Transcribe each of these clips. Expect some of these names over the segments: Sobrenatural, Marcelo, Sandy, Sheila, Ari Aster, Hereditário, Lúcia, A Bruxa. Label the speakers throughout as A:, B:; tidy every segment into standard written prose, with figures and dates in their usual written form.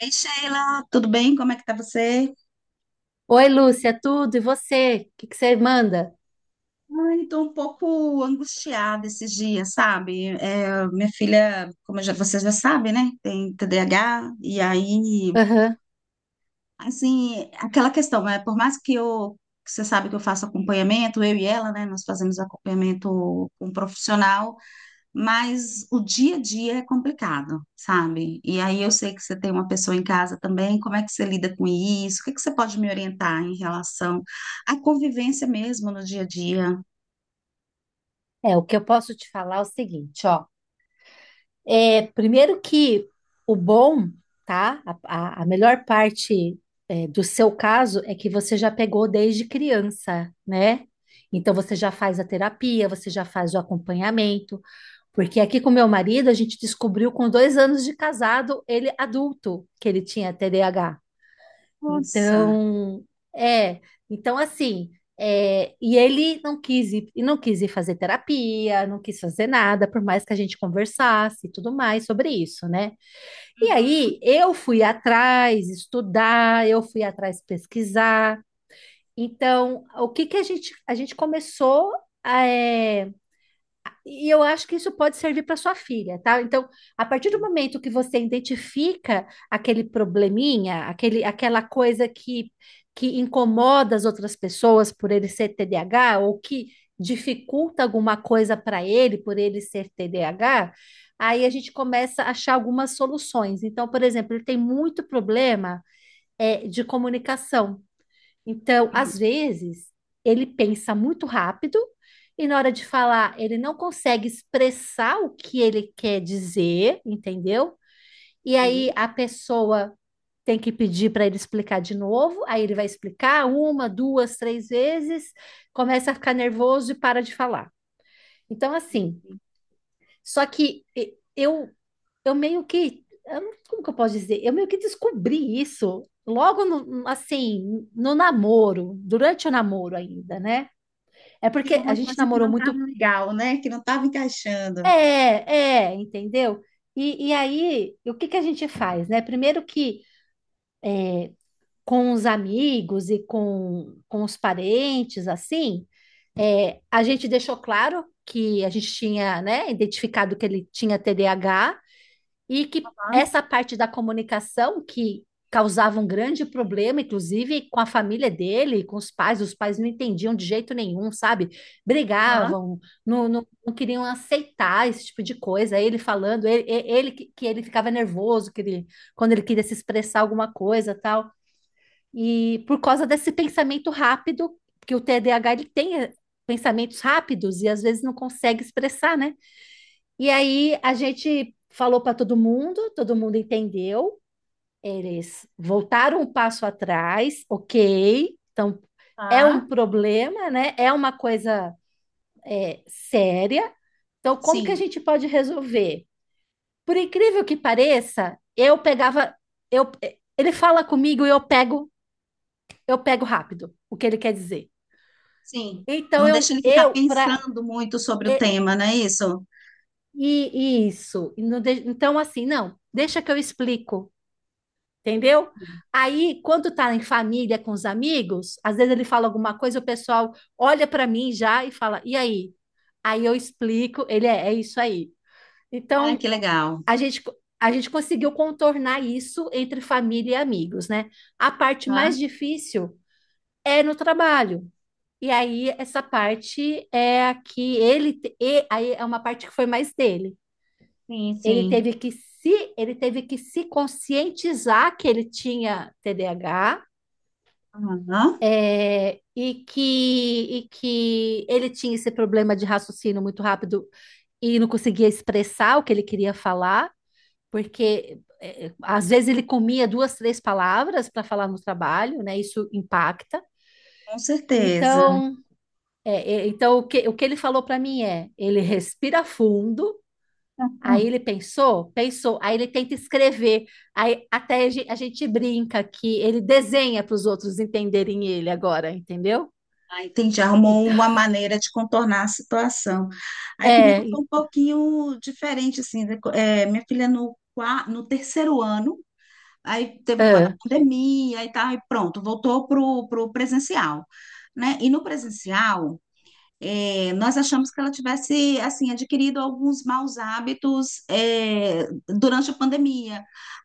A: Ei, Sheila, tudo bem? Como é que tá você?
B: Oi, Lúcia, tudo? E você? O que que você manda?
A: Ai, tô um pouco angustiada esses dias, sabe? É, minha filha, vocês já sabem, né? Tem TDAH, e aí,
B: Aham.
A: assim, aquela questão, né? Por mais que eu, que você sabe que eu faço acompanhamento, eu e ela, né? Nós fazemos acompanhamento com um profissional, mas o dia a dia é complicado, sabe? E aí eu sei que você tem uma pessoa em casa também, como é que você lida com isso? O que é que você pode me orientar em relação à convivência mesmo no dia a dia?
B: É, o que eu posso te falar é o seguinte, ó. É, primeiro que o bom, tá? A melhor parte, do seu caso é que você já pegou desde criança, né? Então você já faz a terapia, você já faz o acompanhamento. Porque aqui com meu marido a gente descobriu com 2 anos de casado, ele adulto, que ele tinha TDAH.
A: Nossa.
B: Então, é, então assim, e ele não quis ir, e não quis ir fazer terapia, não quis fazer nada, por mais que a gente conversasse e tudo mais sobre isso, né? E aí eu fui atrás estudar, eu fui atrás pesquisar. Então, o que que a gente começou é, e eu acho que isso pode servir para sua filha, tá? Então, a partir do momento que você identifica aquele probleminha, aquele, aquela coisa que incomoda as outras pessoas por ele ser TDAH, ou que dificulta alguma coisa para ele por ele ser TDAH, aí a gente começa a achar algumas soluções. Então, por exemplo, ele tem muito problema de comunicação. Então,
A: Uhum.
B: às vezes, ele pensa muito rápido e na hora de falar, ele não consegue expressar o que ele quer dizer, entendeu? E aí
A: E
B: a pessoa tem que pedir para ele explicar de novo, aí ele vai explicar uma, duas, três vezes, começa a ficar nervoso e para de falar. Então, assim,
A: e
B: só que eu meio que, eu não- como que eu posso dizer? Eu meio que descobri isso logo no, assim, no namoro, durante o namoro ainda, né? É
A: tinha
B: porque a
A: uma
B: gente
A: coisa que
B: namorou
A: não estava
B: muito,
A: legal, né? Que não estava encaixando.
B: entendeu? E aí, o que que a gente faz, né? Primeiro que com os amigos e com os parentes, assim, a gente deixou claro que a gente tinha, né, identificado que ele tinha TDAH, e que
A: Aham,
B: essa parte da comunicação que causava um grande problema, inclusive com a família dele, com os pais não entendiam de jeito nenhum, sabe?
A: aham,
B: Brigavam, não, não, não queriam aceitar esse tipo de coisa. Ele falando, ele que ele ficava nervoso, que ele, quando ele queria se expressar alguma coisa, tal. E por causa desse pensamento rápido, porque o TDAH ele tem pensamentos rápidos e às vezes não consegue expressar, né? E aí a gente falou para todo mundo entendeu. Eles voltaram um passo atrás, ok. Então é um
A: aham.
B: problema, né? É uma coisa séria. Então, como que a
A: Sim,
B: gente pode resolver? Por incrível que pareça, eu pegava, eu, ele fala comigo e eu pego rápido o que ele quer dizer.
A: sim.
B: Então
A: Não deixa
B: eu,
A: ele ficar
B: eu para
A: pensando muito sobre o tema, não é isso?
B: e isso. Então assim, não, deixa que eu explico. Entendeu? Aí, quando tá em família com os amigos, às vezes ele fala alguma coisa, o pessoal olha para mim já e fala: "E aí?". Aí eu explico, ele é isso aí.
A: Ai,
B: Então,
A: que legal.
B: a gente a gente conseguiu contornar isso entre família e amigos, né? A parte mais
A: Tá?
B: difícil é no trabalho. E aí essa parte é a que e aí é uma parte que foi mais dele.
A: Sim,
B: Ele
A: sim.
B: teve que se ele teve que se conscientizar que ele tinha TDAH.
A: Aham,
B: É, e que, e que ele tinha esse problema de raciocínio muito rápido e não conseguia expressar o que ele queria falar, porque às vezes ele comia duas, três palavras para falar no trabalho, né? Isso impacta.
A: com certeza.
B: Então, é, então o que ele falou para mim é: ele respira fundo, aí ele pensou, pensou, aí ele tenta escrever, aí até a gente brinca que ele desenha para os outros entenderem ele agora, entendeu?
A: Ah, entendi. Arrumou
B: Então,
A: uma maneira de contornar a situação. Aí comigo
B: é,
A: foi um pouquinho diferente, assim, né? Minha filha no terceiro ano, aí teve o negócio da
B: Ah,
A: pandemia e tal, e pronto, voltou pro presencial, né? E no presencial, nós achamos que ela tivesse, assim, adquirido alguns maus hábitos, durante a pandemia.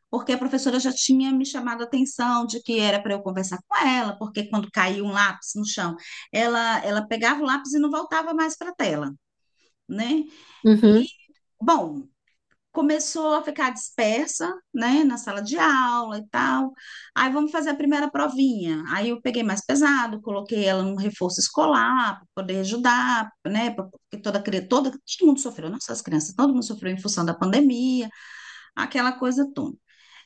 A: Porque a professora já tinha me chamado a atenção de que era para eu conversar com ela, porque quando caiu um lápis no chão, ela pegava o lápis e não voltava mais para a tela, né?
B: uhum,
A: Bom, começou a ficar dispersa, né, na sala de aula e tal. Aí vamos fazer a primeira provinha. Aí eu peguei mais pesado, coloquei ela num reforço escolar para poder ajudar, né, porque toda cri- toda todo mundo sofreu, não só as crianças, todo mundo sofreu em função da pandemia, aquela coisa toda.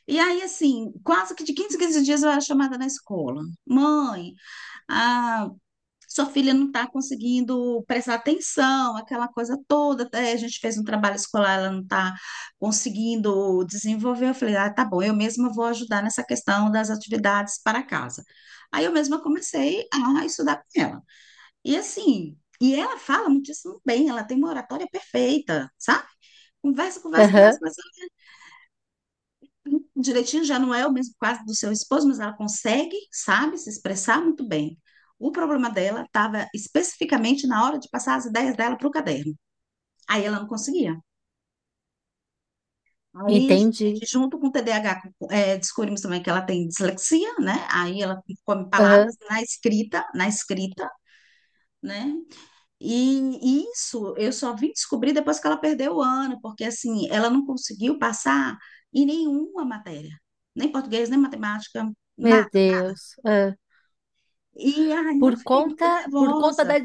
A: E aí, assim, quase que de 15 em 15 dias eu era chamada na escola. Mãe, a sua filha não está conseguindo prestar atenção, aquela coisa toda. Até a gente fez um trabalho escolar, ela não está conseguindo desenvolver. Eu falei, ah, tá bom, eu mesma vou ajudar nessa questão das atividades para casa. Aí eu mesma comecei a estudar com ela. E assim, e ela fala muitíssimo bem, ela tem uma oratória perfeita, sabe? Conversa, conversa, conversa,
B: aham,
A: conversa direitinho, já não é o mesmo caso do seu esposo, mas ela consegue, sabe, se expressar muito bem. O problema dela estava especificamente na hora de passar as ideias dela para o caderno. Aí ela não conseguia. Aí,
B: entendi.
A: gente, junto com o TDAH, descobrimos também que ela tem dislexia, né? Aí ela come palavras
B: Aham,
A: na escrita, né? E isso eu só vim descobrir depois que ela perdeu o ano, porque assim, ela não conseguiu passar em nenhuma matéria, nem português, nem matemática,
B: meu
A: nada.
B: Deus. Ah.
A: E aí eu
B: Por
A: fiquei muito
B: conta, por conta
A: nervosa,
B: da,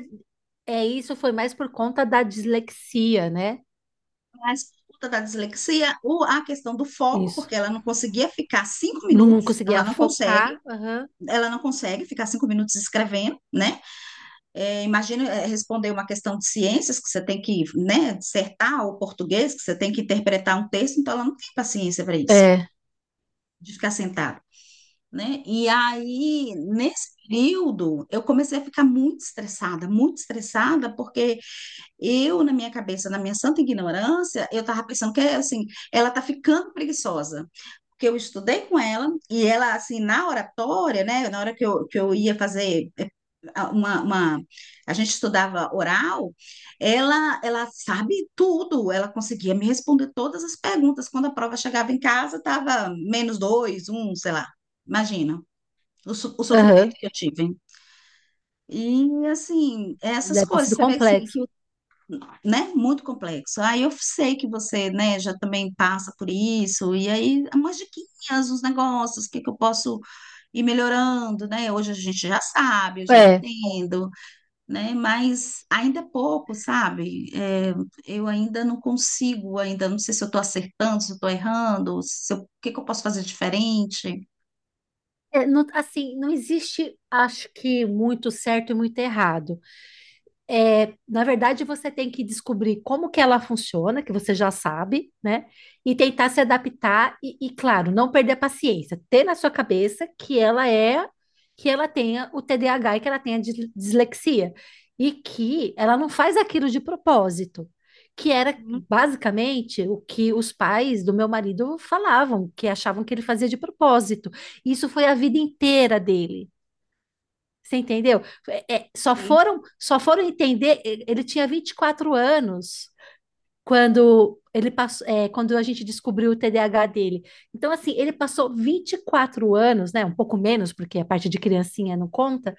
B: é isso, foi mais por conta da dislexia, né?
A: mas por conta da dislexia, a questão do foco,
B: Isso.
A: porque ela não conseguia ficar cinco
B: Não
A: minutos,
B: conseguia focar. Aham.
A: ela não consegue ficar cinco minutos escrevendo, né? É, imagina, é, responder uma questão de ciências, que você tem que, né, dissertar, ou português, que você tem que interpretar um texto, então ela não tem paciência para isso,
B: É,
A: de ficar sentada. Né? E aí, nesse período, eu comecei a ficar muito estressada, porque eu, na minha cabeça, na minha santa ignorância, eu estava pensando que, é assim, ela está ficando preguiçosa. Porque eu estudei com ela e ela, assim, na oratória, né? Na hora que eu ia fazer. Uma, uma... A gente estudava oral, ela sabe tudo. Ela conseguia me responder todas as perguntas. Quando a prova chegava em casa, estava menos dois, um, sei lá. Imagina o sofrimento
B: aham.
A: que eu tive. E, assim, essas
B: Deve ter
A: coisas,
B: sido
A: você vê, assim,
B: complexo.
A: que, né, muito complexo. Aí eu sei que você, né, já também passa por isso, e aí umas diquinhas, uns negócios, o que que eu posso ir melhorando, né? Hoje a gente já sabe, eu já
B: É.
A: entendo, né? Mas ainda é pouco, sabe? É, eu ainda não consigo, ainda não sei se eu estou acertando, se eu estou errando, se eu- o que que eu posso fazer diferente.
B: É, assim, não existe, acho que, muito certo e muito errado. É, na verdade, você tem que descobrir como que ela funciona, que você já sabe, né? E tentar se adaptar e, claro, não perder a paciência. Ter na sua cabeça que ela tenha o TDAH e que ela tenha dislexia. E que ela não faz aquilo de propósito. Que era
A: Uhum.
B: basicamente o que os pais do meu marido falavam, que achavam que ele fazia de propósito. Isso foi a vida inteira dele. Você entendeu? É, é, só
A: Sim.
B: foram, só foram entender. Ele tinha 24 anos quando ele passou, quando a gente descobriu o TDAH dele. Então, assim, ele passou 24 anos, né? Um pouco menos, porque a parte de criancinha não conta,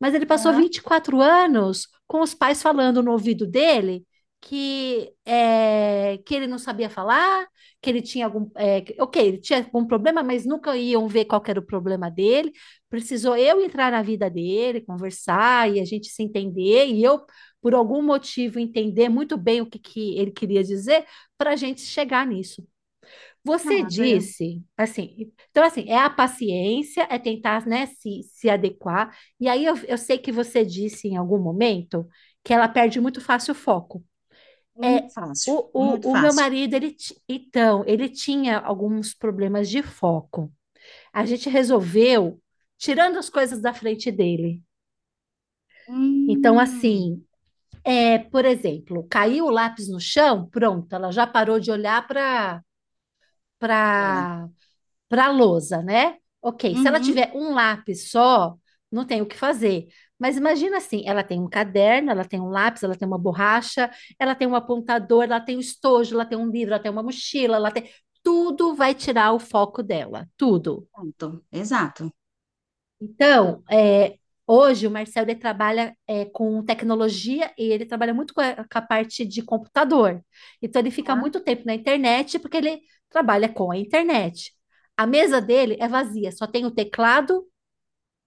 B: mas ele passou
A: Ah,
B: 24 anos com os pais falando no ouvido dele que ele não sabia falar, que ele tinha algum. Ok, ele tinha algum problema, mas nunca iam ver qual que era o problema dele. Precisou eu entrar na vida dele, conversar e a gente se entender, e eu, por algum motivo, entender muito bem o que, que ele queria dizer para a gente chegar nisso. Você
A: tá,
B: disse, assim, então assim, é a paciência, é tentar, né, se adequar. E aí eu sei que você disse em algum momento que ela perde muito fácil o foco. É
A: muito fácil,
B: o,
A: muito
B: o, o meu
A: fácil.
B: marido, então, ele tinha alguns problemas de foco. A gente resolveu tirando as coisas da frente dele. Então,
A: Hum,
B: assim, é, por exemplo, caiu o lápis no chão, pronto, ela já parou de olhar
A: ela.
B: para para a lousa, né? Ok, se ela
A: Uhum.
B: tiver um lápis só, não tem o que fazer. Mas imagina assim, ela tem um caderno, ela tem um lápis, ela tem uma borracha, ela tem um apontador, ela tem um estojo, ela tem um livro, ela tem uma mochila, ela tem... Tudo vai tirar o foco dela, tudo.
A: Pronto, exato.
B: Então, hoje o Marcelo ele trabalha com tecnologia e ele trabalha muito com a parte de computador. Então, ele fica
A: Tá?
B: muito tempo na internet porque ele trabalha com a internet. A mesa dele é vazia, só tem o teclado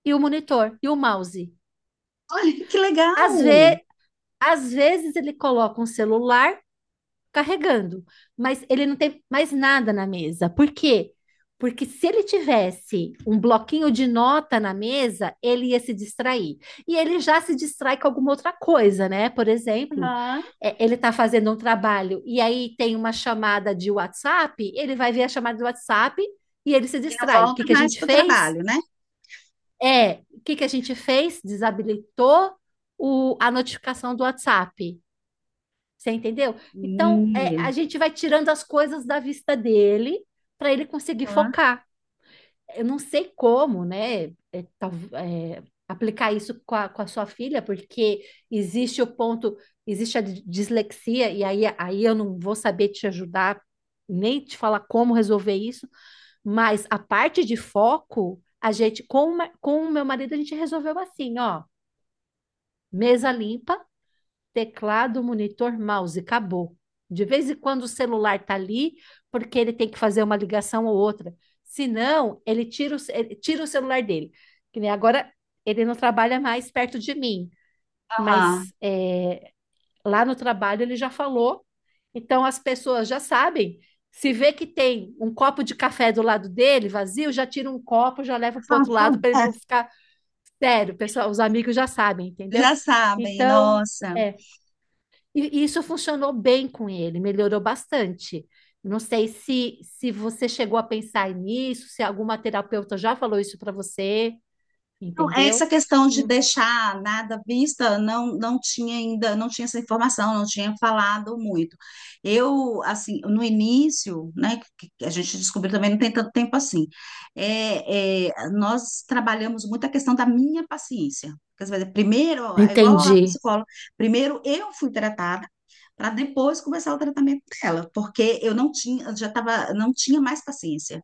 B: e o monitor e o mouse.
A: Olha, que
B: Às
A: legal!
B: ve- às vezes ele coloca um celular carregando, mas ele não tem mais nada na mesa. Por quê? Porque se ele tivesse um bloquinho de nota na mesa, ele ia se distrair. E ele já se distrai com alguma outra coisa, né? Por exemplo,
A: Aham.
B: ele está fazendo um trabalho e aí tem uma chamada de WhatsApp, ele vai ver a chamada do WhatsApp e ele se
A: E não
B: distrai. O
A: volta
B: que que a
A: mais
B: gente
A: para o
B: fez?
A: trabalho, né?
B: É, o que que a gente fez? Desabilitou a notificação do WhatsApp. Você entendeu? Então,
A: E,
B: a gente vai tirando as coisas da vista dele para ele conseguir
A: Aham.
B: focar. Eu não sei como, né? Aplicar isso com a sua filha, porque existe o ponto, existe a dislexia, e aí eu não vou saber te ajudar, nem te falar como resolver isso, mas a parte de foco, a gente, com o meu marido, a gente resolveu assim, ó, mesa limpa teclado, monitor, mouse, acabou. De vez em quando o celular tá ali, porque ele tem que fazer uma ligação ou outra. Senão, ele tira o celular dele. Que nem agora ele não trabalha mais perto de mim,
A: Aham.
B: mas lá no trabalho ele já falou. Então as pessoas já sabem. Se vê que tem um copo de café do lado dele, vazio, já tira um copo, já leva para o outro lado para ele não ficar sério. Pessoal, os amigos já sabem, entendeu?
A: Já sabem,
B: Então,
A: nossa.
B: é, e isso funcionou bem com ele, melhorou bastante. Não sei se, se você chegou a pensar nisso, se alguma terapeuta já falou isso para você,
A: Então, essa
B: entendeu?
A: questão de
B: Hum,
A: deixar nada à vista, não, não tinha ainda, não tinha essa informação, não tinha falado muito. Eu, assim, no início, né, que a gente descobriu também, não tem tanto tempo assim, é, é, nós trabalhamos muito a questão da minha paciência. Quer dizer, primeiro, é igual a
B: Entendi.
A: psicóloga, primeiro eu fui tratada, para depois começar o tratamento dela, porque eu não tinha, já tava, não tinha mais paciência,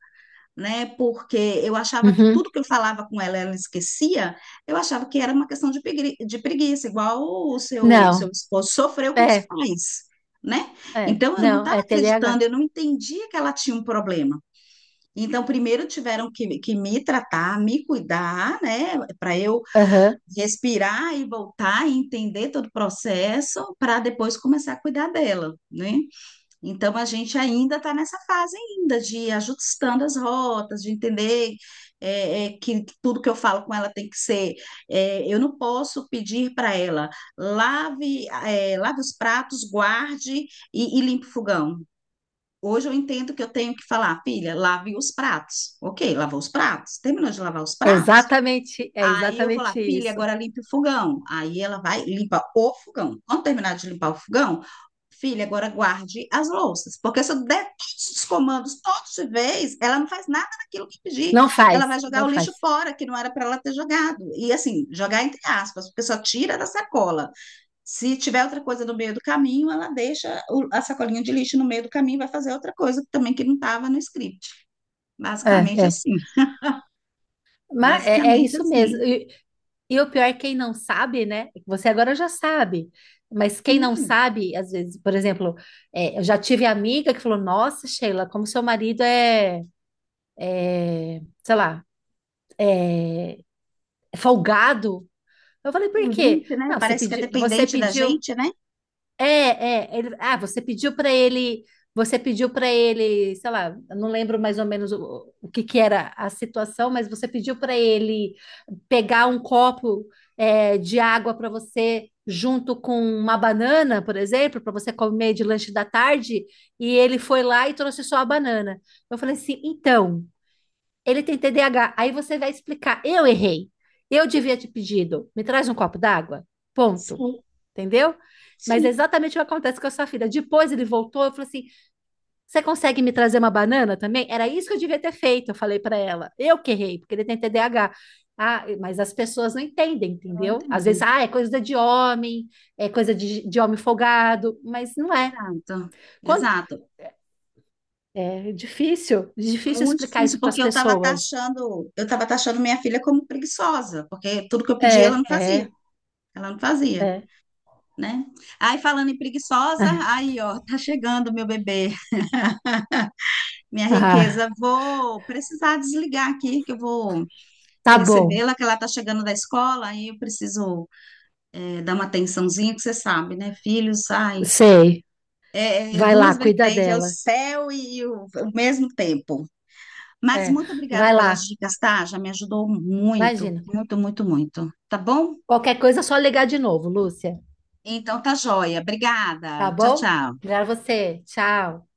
A: né? Porque eu achava que
B: Uhum.
A: tudo que eu falava com ela, ela esquecia, eu achava que era uma questão de de preguiça, igual o seu
B: Não,
A: esposo sofreu com os
B: é,
A: pais, né?
B: é,
A: Então eu não
B: não,
A: estava
B: é TDAH.
A: acreditando, eu não entendia que ela tinha um problema. Então, primeiro tiveram que me tratar, me cuidar, né, para eu
B: Aham.
A: respirar e voltar e entender todo o processo, para depois começar a cuidar dela, né? Então a gente ainda está nessa fase ainda de ir ajustando as rotas, de entender, que tudo que eu falo com ela tem que ser. Eu não posso pedir para ela lave os pratos, guarde e limpe o fogão. Hoje eu entendo que eu tenho que falar, filha, lave os pratos. Ok, lavou os pratos. Terminou de lavar os
B: É
A: pratos?
B: exatamente, é
A: Aí eu vou lá,
B: exatamente
A: filha,
B: isso.
A: agora limpe o fogão. Aí ela vai, limpa o fogão. Quando terminar de limpar o fogão, filha, agora guarde as louças. Porque se eu der todos os comandos todos de vez, ela não faz nada daquilo que eu pedi.
B: Não
A: Ela
B: faz,
A: vai jogar
B: não
A: o lixo
B: faz.
A: fora, que não era para ela ter jogado. E assim, jogar entre aspas, porque só tira da sacola. Se tiver outra coisa no meio do caminho, ela deixa a sacolinha de lixo no meio do caminho e vai fazer outra coisa também que não estava no script.
B: É,
A: Basicamente
B: é.
A: assim.
B: Mas é
A: Basicamente
B: isso mesmo.
A: assim.
B: E o pior é quem não sabe, né? Você agora já sabe. Mas quem não
A: Sim.
B: sabe, às vezes, por exemplo, eu já tive amiga que falou: Nossa, Sheila, como seu marido é, sei lá, é folgado. Eu falei: Por quê?
A: Dependente, né?
B: Não, você
A: Parece que é
B: pediu, você
A: dependente da
B: pediu
A: gente, né?
B: É, é, ele- ah, você pediu para ele, você pediu para ele, sei lá, eu não lembro mais ou menos o que que era a situação, mas você pediu para ele pegar um copo de água para você junto com uma banana, por exemplo, para você comer de lanche da tarde, e ele foi lá e trouxe só a banana. Eu falei assim, então, ele tem TDAH. Aí você vai explicar, eu errei, eu devia ter pedido, me traz um copo d'água, ponto.
A: Sim,
B: Entendeu? Mas é
A: sim.
B: exatamente o que acontece com a sua filha. Depois ele voltou, eu falei assim: você consegue me trazer uma banana também? Era isso que eu devia ter feito, eu falei para ela. Eu que errei, porque ele tem TDAH. Ah, mas as pessoas não entendem,
A: Não
B: entendeu? Às vezes,
A: entendo.
B: ah, é coisa de homem, é coisa de homem folgado, mas não é.
A: Exato,
B: Quando,
A: exato.
B: é difícil, difícil
A: Muito
B: explicar
A: difícil,
B: isso para as
A: porque
B: pessoas.
A: eu estava taxando minha filha como preguiçosa, porque tudo que eu pedi
B: É, é,
A: ela não fazia,
B: é.
A: né? Aí falando em preguiçosa,
B: É.
A: aí ó, tá chegando meu bebê, minha
B: Ah,
A: riqueza. Vou precisar desligar aqui, que eu vou
B: tá bom,
A: recebê-la, que ela tá chegando da escola, aí eu preciso dar uma atençãozinha, que você sabe, né? Filhos, ai,
B: sei.
A: É, é,
B: Vai lá,
A: duas
B: cuida
A: vertentes, é o
B: dela.
A: céu e o mesmo tempo. Mas
B: É,
A: muito obrigada
B: vai
A: pelas
B: lá,
A: dicas, tá? Já me ajudou muito,
B: imagina.
A: muito, muito, muito. Tá bom?
B: Qualquer coisa é só ligar de novo, Lúcia.
A: Então tá joia.
B: Tá
A: Obrigada. Tchau,
B: bom?
A: tchau.
B: Obrigada a você. Tchau.